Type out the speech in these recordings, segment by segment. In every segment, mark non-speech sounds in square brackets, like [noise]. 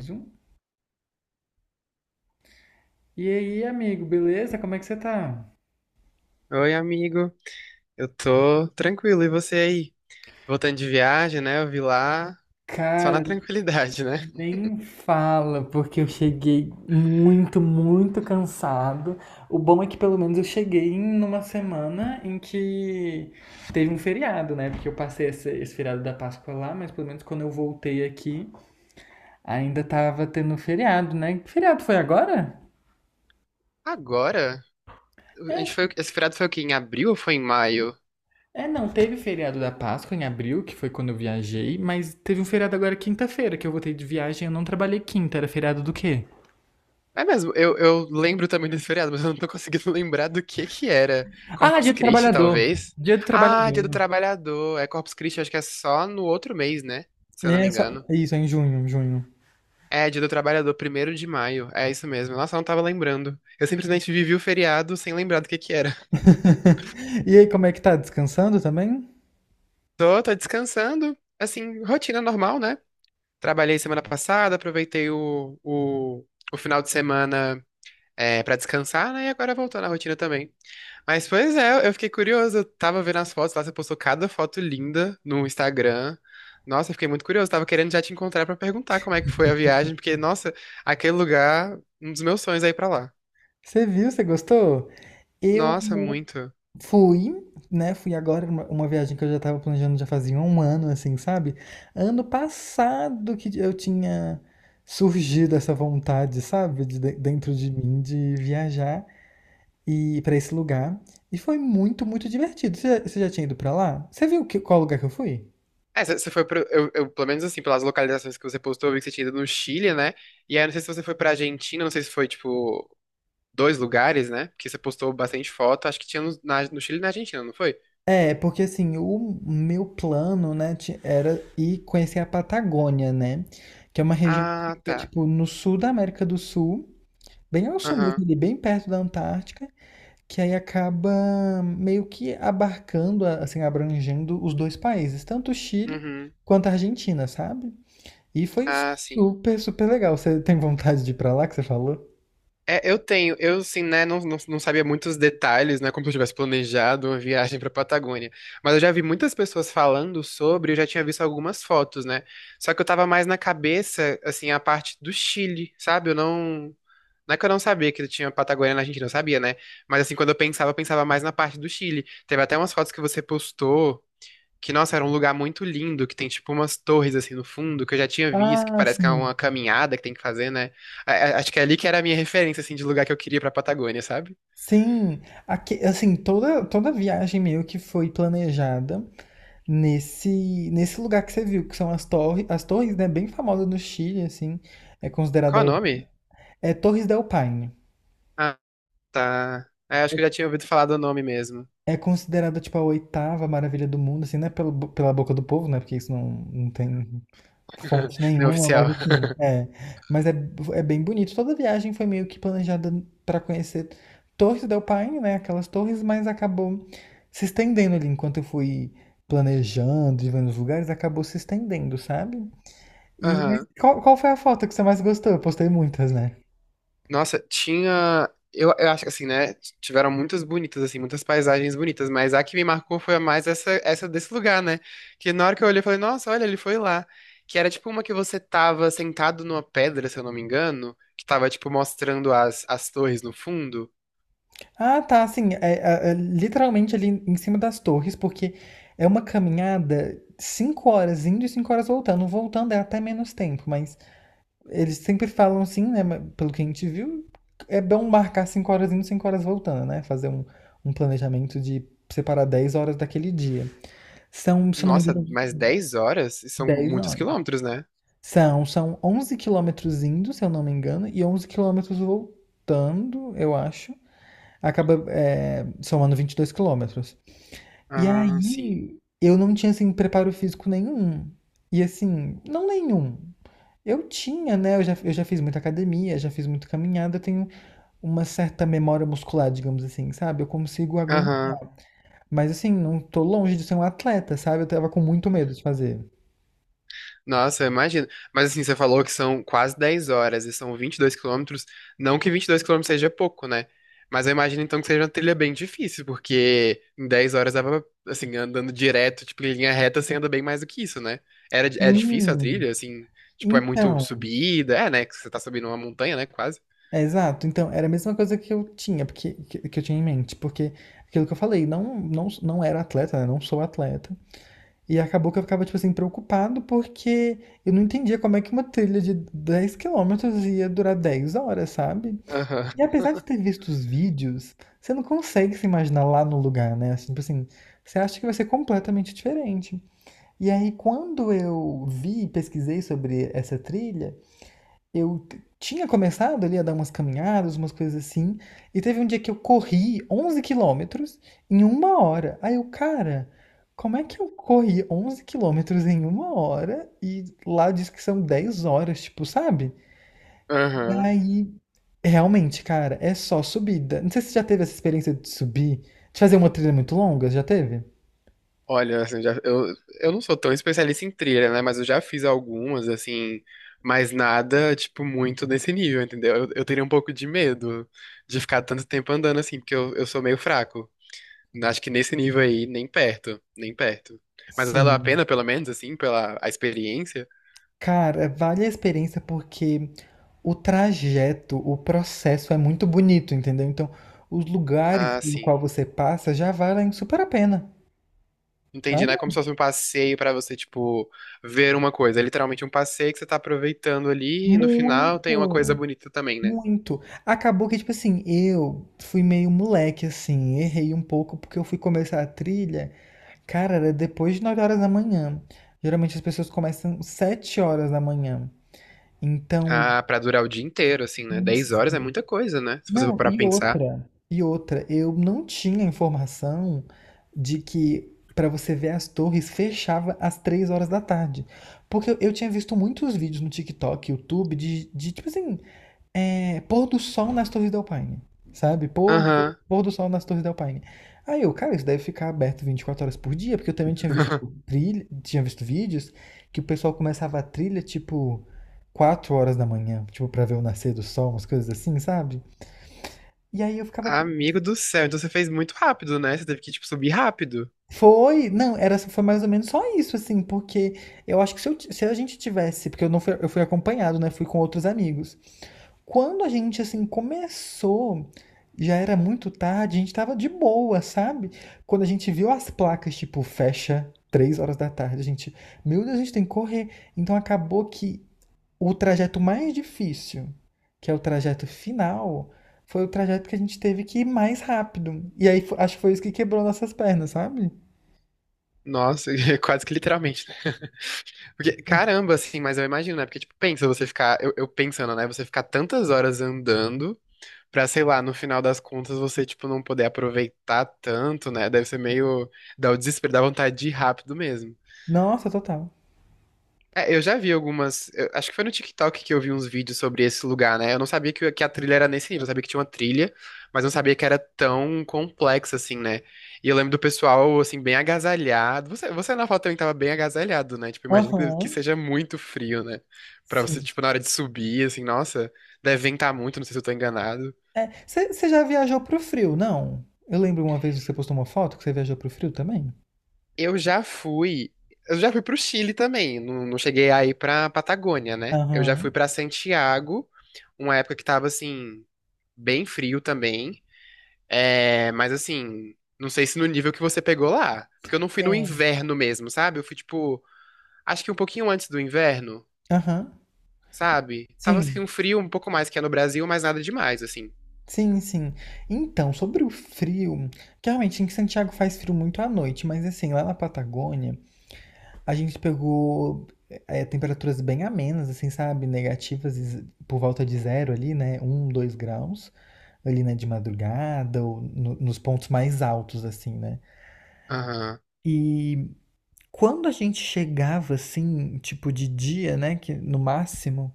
Mais um. E aí, amigo, beleza? Como é que você tá? Oi, amigo. Eu tô tranquilo. E você aí? Voltando de viagem, né? Eu vi lá só na [laughs] Cara, tranquilidade, né? nem fala, porque eu cheguei muito, muito cansado. O bom é que pelo menos eu cheguei numa semana em que teve um feriado, né? Porque eu passei esse feriado da Páscoa lá, mas pelo menos quando eu voltei aqui, ainda tava tendo feriado, né? Que feriado foi agora? Agora, a gente É, foi, esse feriado foi o quê? Em abril ou foi em maio? é, não, teve feriado da Páscoa em abril, que foi quando eu viajei, mas teve um feriado agora quinta-feira, que eu voltei de viagem, eu não trabalhei quinta, era feriado do quê? É mesmo, eu lembro também desse feriado, mas eu não tô conseguindo [laughs] lembrar do que era. Ah, Corpus Dia do Christi, Trabalhador. talvez? Dia do Ah, Dia do Trabalhador. Trabalhador. É Corpus Christi, acho que é só no outro mês, né? Se E eu não me essa, engano. isso, é em junho, em junho. É, Dia do Trabalhador, 1º de maio. É isso mesmo. Nossa, eu não tava lembrando. Eu simplesmente vivi o feriado sem lembrar do que era. [laughs] E aí, como é que tá? Descansando também? Tô, tô descansando. Assim, rotina normal, né? Trabalhei semana passada, aproveitei o final de semana é, para descansar, né? E agora voltou na rotina também. Mas, pois é, eu fiquei curioso. Eu tava vendo as fotos lá, você postou cada foto linda no Instagram. Nossa, eu fiquei muito curioso. Tava querendo já te encontrar pra perguntar como é que foi a viagem, porque, nossa, aquele lugar, um dos meus sonhos é ir pra lá. Você viu, você gostou? Eu Nossa, muito. fui, né? Fui agora uma viagem que eu já tava planejando já fazia um ano, assim, sabe? Ano passado que eu tinha surgido essa vontade, sabe? Dentro de mim de viajar e para esse lugar. E foi muito, muito divertido. Você já tinha ido pra lá? Você viu qual lugar que eu fui? É, você foi pro, pelo menos assim, pelas localizações que você postou, eu vi que você tinha ido no Chile, né? E aí, não sei se você foi pra Argentina, não sei se foi, tipo, dois lugares, né? Porque você postou bastante foto, acho que tinha no, no Chile e na Argentina, não foi? É, porque assim, o meu plano, né, era ir conhecer a Patagônia, né? Que é uma região que Ah, fica, tá. tipo, no sul da América do Sul, bem ao sul Aham. mesmo, ali bem perto da Antártica, que aí acaba meio que abarcando, assim, abrangendo os dois países, tanto o Chile Uhum. quanto a Argentina, sabe? E foi Ah, sim. super, super legal. Você tem vontade de ir pra lá, que você falou? É, eu tenho, eu sim, né, não sabia muitos detalhes, né, como se eu tivesse planejado uma viagem pra Patagônia. Mas eu já vi muitas pessoas falando sobre, eu já tinha visto algumas fotos, né? Só que eu tava mais na cabeça, assim, a parte do Chile, sabe? Eu não. Não é que eu não sabia que tinha Patagônia na Argentina, eu sabia, né? Mas assim, quando eu pensava mais na parte do Chile. Teve até umas fotos que você postou, que, nossa, era um lugar muito lindo, que tem tipo umas torres assim no fundo, que eu já tinha visto, que Ah, parece que é sim. uma caminhada que tem que fazer, né? Acho que é ali que era a minha referência, assim, de lugar que eu queria pra Patagônia, sabe? Sim, aqui, assim, toda viagem meio que foi planejada. Nesse, nesse lugar que você viu, que são as torres, né, bem famosas no Chile, assim, é Qual é considerada, o nome? é Torres del Paine. Ah, tá. É, acho que eu já tinha ouvido falar do nome mesmo. É considerada, tipo, a oitava maravilha do mundo, assim, né, pela boca do povo, né, porque isso não, não tem [laughs] fonte Não é nenhuma, oficial. mas [laughs] assim, é. Mas é bem bonito. Toda viagem foi meio que planejada para conhecer Torres del Paine, né, aquelas torres, mas acabou se estendendo ali, enquanto eu fui planejando e vendo os lugares, acabou se estendendo, sabe? E mas Aham. qual foi a foto que você mais gostou? Eu postei muitas, né? Nossa, tinha. Eu acho que assim, né? Tiveram muitas bonitas, assim, muitas paisagens bonitas, mas a que me marcou foi a mais essa, essa desse lugar, né? Que na hora que eu olhei, eu falei, nossa, olha, ele foi lá. Que era tipo uma que você tava sentado numa pedra, se eu não me engano, que tava, tipo, mostrando as torres no fundo. Ah, tá, assim, é literalmente ali em cima das torres, porque é uma caminhada 5 horas indo e 5 horas voltando. Voltando é até menos tempo, mas eles sempre falam assim, né? Mas, pelo que a gente viu, é bom marcar 5 horas indo e 5 horas voltando, né? Fazer um planejamento de separar 10 horas daquele dia. São, se eu não me Nossa, engano, mais 10 horas? São 10 muitos horas. quilômetros, né? São 11 quilômetros indo, se eu não me engano, e 11 quilômetros voltando, eu acho. Acaba, é, somando 22 quilômetros. E Ah, sim. aí, eu não tinha, assim, preparo físico nenhum. E assim, não nenhum. Eu tinha, né? Eu já fiz muita academia, já fiz muita caminhada, eu tenho uma certa memória muscular, digamos assim, sabe? Eu consigo aguentar. Aham. Mas assim, não tô longe de ser um atleta, sabe? Eu tava com muito medo de fazer. Nossa, eu imagino. Mas assim, você falou que são quase 10 horas e são 22 quilômetros. Não que 22 quilômetros seja pouco, né? Mas eu imagino então que seja uma trilha bem difícil, porque em 10 horas dava, assim, andando direto, tipo, em linha reta, você anda bem mais do que isso, né? Era, é difícil a Hum, trilha, assim, tipo, é muito então. subida, é, né? Que você tá subindo uma montanha, né? Quase. É, exato. Então, era a mesma coisa que eu tinha, porque que eu tinha em mente, porque aquilo que eu falei, não, não, não era atleta, né? Não sou atleta. E acabou que eu ficava, tipo assim, preocupado porque eu não entendia como é que uma trilha de 10 quilômetros ia durar 10 horas, sabe? Aham, E apesar de ter visto os vídeos, você não consegue se imaginar lá no lugar, né? Assim, tipo assim, você acha que vai ser completamente diferente. E aí, quando eu vi, pesquisei sobre essa trilha, eu tinha começado ali a dar umas caminhadas, umas coisas assim, e teve um dia que eu corri 11 quilômetros em uma hora. Aí eu, cara, como é que eu corri 11 quilômetros em uma hora e lá diz que são 10 horas, tipo, sabe? E aham. aí, realmente, cara, é só subida. Não sei se você já teve essa experiência de subir, de fazer uma trilha muito longa, já teve? Olha, assim, já, eu não sou tão especialista em trilha, né? Mas eu já fiz algumas, assim, mas nada, tipo, muito nesse nível, entendeu? Eu teria um pouco de medo de ficar tanto tempo andando assim, porque eu sou meio fraco. Acho que nesse nível aí, nem perto, nem perto. Mas valeu a Sim. pena, pelo menos, assim, pela a experiência? Cara, vale a experiência porque o trajeto, o processo é muito bonito, entendeu? Então, os lugares Ah, pelo sim. qual você passa já valem super a pena, Entendi, né? sabe? É como se fosse um passeio pra você, tipo, ver uma coisa. É literalmente um passeio que você tá aproveitando ali e no final tem uma coisa Muito, bonita também, né? muito. Acabou que, tipo assim, eu fui meio moleque, assim, errei um pouco porque eu fui começar a trilha, cara, era depois de 9 horas da manhã. Geralmente as pessoas começam 7 horas da manhã. Então, Ah, pra durar o dia inteiro, assim, né? dez isso. horas é muita coisa, né? Se você for Não, parar pra e pensar. outra, e outra, eu não tinha informação de que para você ver as torres fechava às 3 horas da tarde. Porque eu tinha visto muitos vídeos no TikTok, YouTube, de tipo assim, pôr do sol nas torres da Alpine, sabe? Pôr, Aham. pôr do sol nas torres da Alpine. Aí eu, cara, isso deve ficar aberto 24 horas por dia, porque eu também tinha visto [laughs] trilha, tinha visto vídeos que o pessoal começava a trilha tipo 4 horas da manhã, tipo, pra ver o nascer do sol, umas coisas assim, sabe? E aí eu ficava. Amigo do céu, então você fez muito rápido, né? Você teve que, tipo, subir rápido. Foi? Não, era, foi mais ou menos só isso, assim, porque eu acho que se, eu ti- se a gente tivesse, porque eu não fui, eu fui acompanhado, né? Fui com outros amigos. Quando a gente, assim, começou, já era muito tarde, a gente tava de boa, sabe? Quando a gente viu as placas, tipo, fecha 3 horas da tarde, a gente, meu Deus, a gente tem que correr. Então acabou que o trajeto mais difícil, que é o trajeto final, foi o trajeto que a gente teve que ir mais rápido. E aí acho que foi isso que quebrou nossas pernas, sabe? Nossa, [laughs] quase que literalmente, né? Porque, caramba, assim, mas eu imagino, né? Porque, tipo, pensa você ficar, eu pensando, né? Você ficar tantas horas andando pra, sei lá, no final das contas você, tipo, não poder aproveitar tanto, né? Deve ser meio, dá o desespero, dá vontade de ir rápido mesmo. Nossa, total. É, eu já vi algumas. Acho que foi no TikTok que eu vi uns vídeos sobre esse lugar, né? Eu não sabia que a trilha era nesse nível. Eu sabia que tinha uma trilha, mas não sabia que era tão complexa assim, né? E eu lembro do pessoal, assim, bem agasalhado. Você na foto também tava bem agasalhado, né? Tipo, imagino que Aham, seja muito frio, né? Pra você, sim. tipo, na hora de subir, assim, nossa, deve ventar muito, não sei se eu tô enganado. Você já viajou pro frio, não? Eu lembro uma vez que você postou uma foto que você viajou pro frio também. Eu já fui. Eu já fui pro Chile também. Não, não cheguei aí pra Patagônia, né? Eu já fui Aham. pra Santiago uma época que tava assim, bem frio também. É, mas assim, não sei se no nível que você pegou lá. Porque eu não fui no É. inverno mesmo, sabe? Eu fui, tipo, acho que um pouquinho antes do inverno, Aham. sabe? Tava assim, Sim. um frio um pouco mais que é no Brasil, mas nada demais, assim. Sim, sim. Então, sobre o frio, que realmente em Santiago faz frio muito à noite, mas assim, lá na Patagônia. A gente pegou temperaturas bem amenas, assim, sabe? Negativas por volta de zero ali, né? 1, 2 graus. Ali, né? De madrugada ou nos pontos mais altos, assim, né? Aham. E quando a gente chegava, assim, tipo de dia, né? Que no máximo,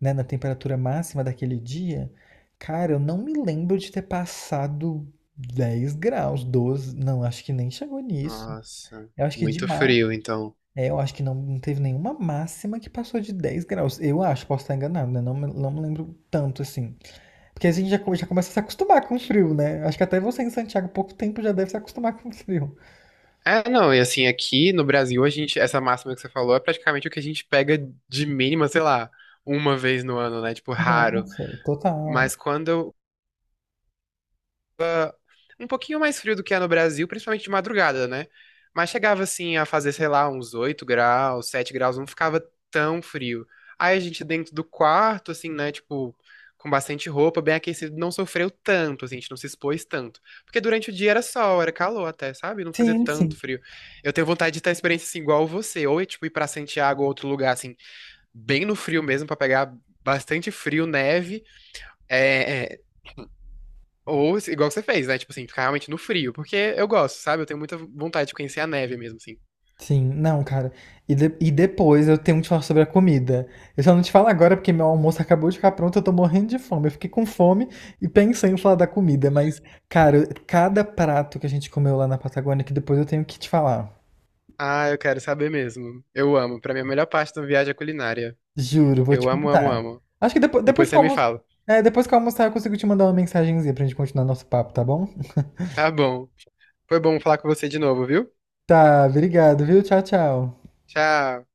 né? Na temperatura máxima daquele dia, cara, eu não me lembro de ter passado 10 graus, 12. Não, acho que nem chegou nisso. Nossa. Eu acho que de Muito máximo. frio, então. É, eu acho que não, não teve nenhuma máxima que passou de 10 graus. Eu acho, posso estar enganado, né? Não, não me lembro tanto assim. Porque a gente já, já começa a se acostumar com o frio, né? Acho que até você em Santiago, há pouco tempo, já deve se acostumar com o frio. É, não, e assim, aqui no Brasil, a gente, essa máxima que você falou é praticamente o que a gente pega de mínima, sei lá, uma vez no ano, né? Tipo, raro. Nossa, total. Mas quando um pouquinho mais frio do que é no Brasil, principalmente de madrugada, né? Mas chegava assim a fazer, sei lá, uns 8 graus, 7 graus, não ficava tão frio. Aí a gente dentro do quarto, assim, né, tipo, com bastante roupa, bem aquecido, não sofreu tanto, assim, a gente não se expôs tanto. Porque durante o dia era sol, era calor até, sabe? Não fazia Sim, tanto sim. frio. Eu tenho vontade de ter a experiência assim, igual você, ou tipo, ir pra Santiago ou outro lugar, assim, bem no frio mesmo, pra pegar bastante frio, neve, é, é, ou se- igual você fez, né? Tipo assim, ficar realmente no frio. Porque eu gosto, sabe? Eu tenho muita vontade de conhecer a neve mesmo, assim. Sim, não, cara. E depois eu tenho um que te falar sobre a comida. Eu só não te falo agora porque meu almoço acabou de ficar pronto, eu tô morrendo de fome. Eu fiquei com fome e pensei em falar da comida, mas, cara, cada prato que a gente comeu lá na Patagônia, que depois eu tenho que te falar. Ah, eu quero saber mesmo. Eu amo. Pra mim, é a melhor parte da viagem é a culinária. Juro, vou te Eu amo, amo, contar. amo. Acho que depois Depois que você eu me almoçar, fala. Depois que eu almoçar, eu consigo te mandar uma mensagenzinha pra gente continuar nosso papo, tá bom? Tá bom. Foi bom falar com você de novo, viu? Tá, obrigado, viu? Tchau, tchau. Tchau.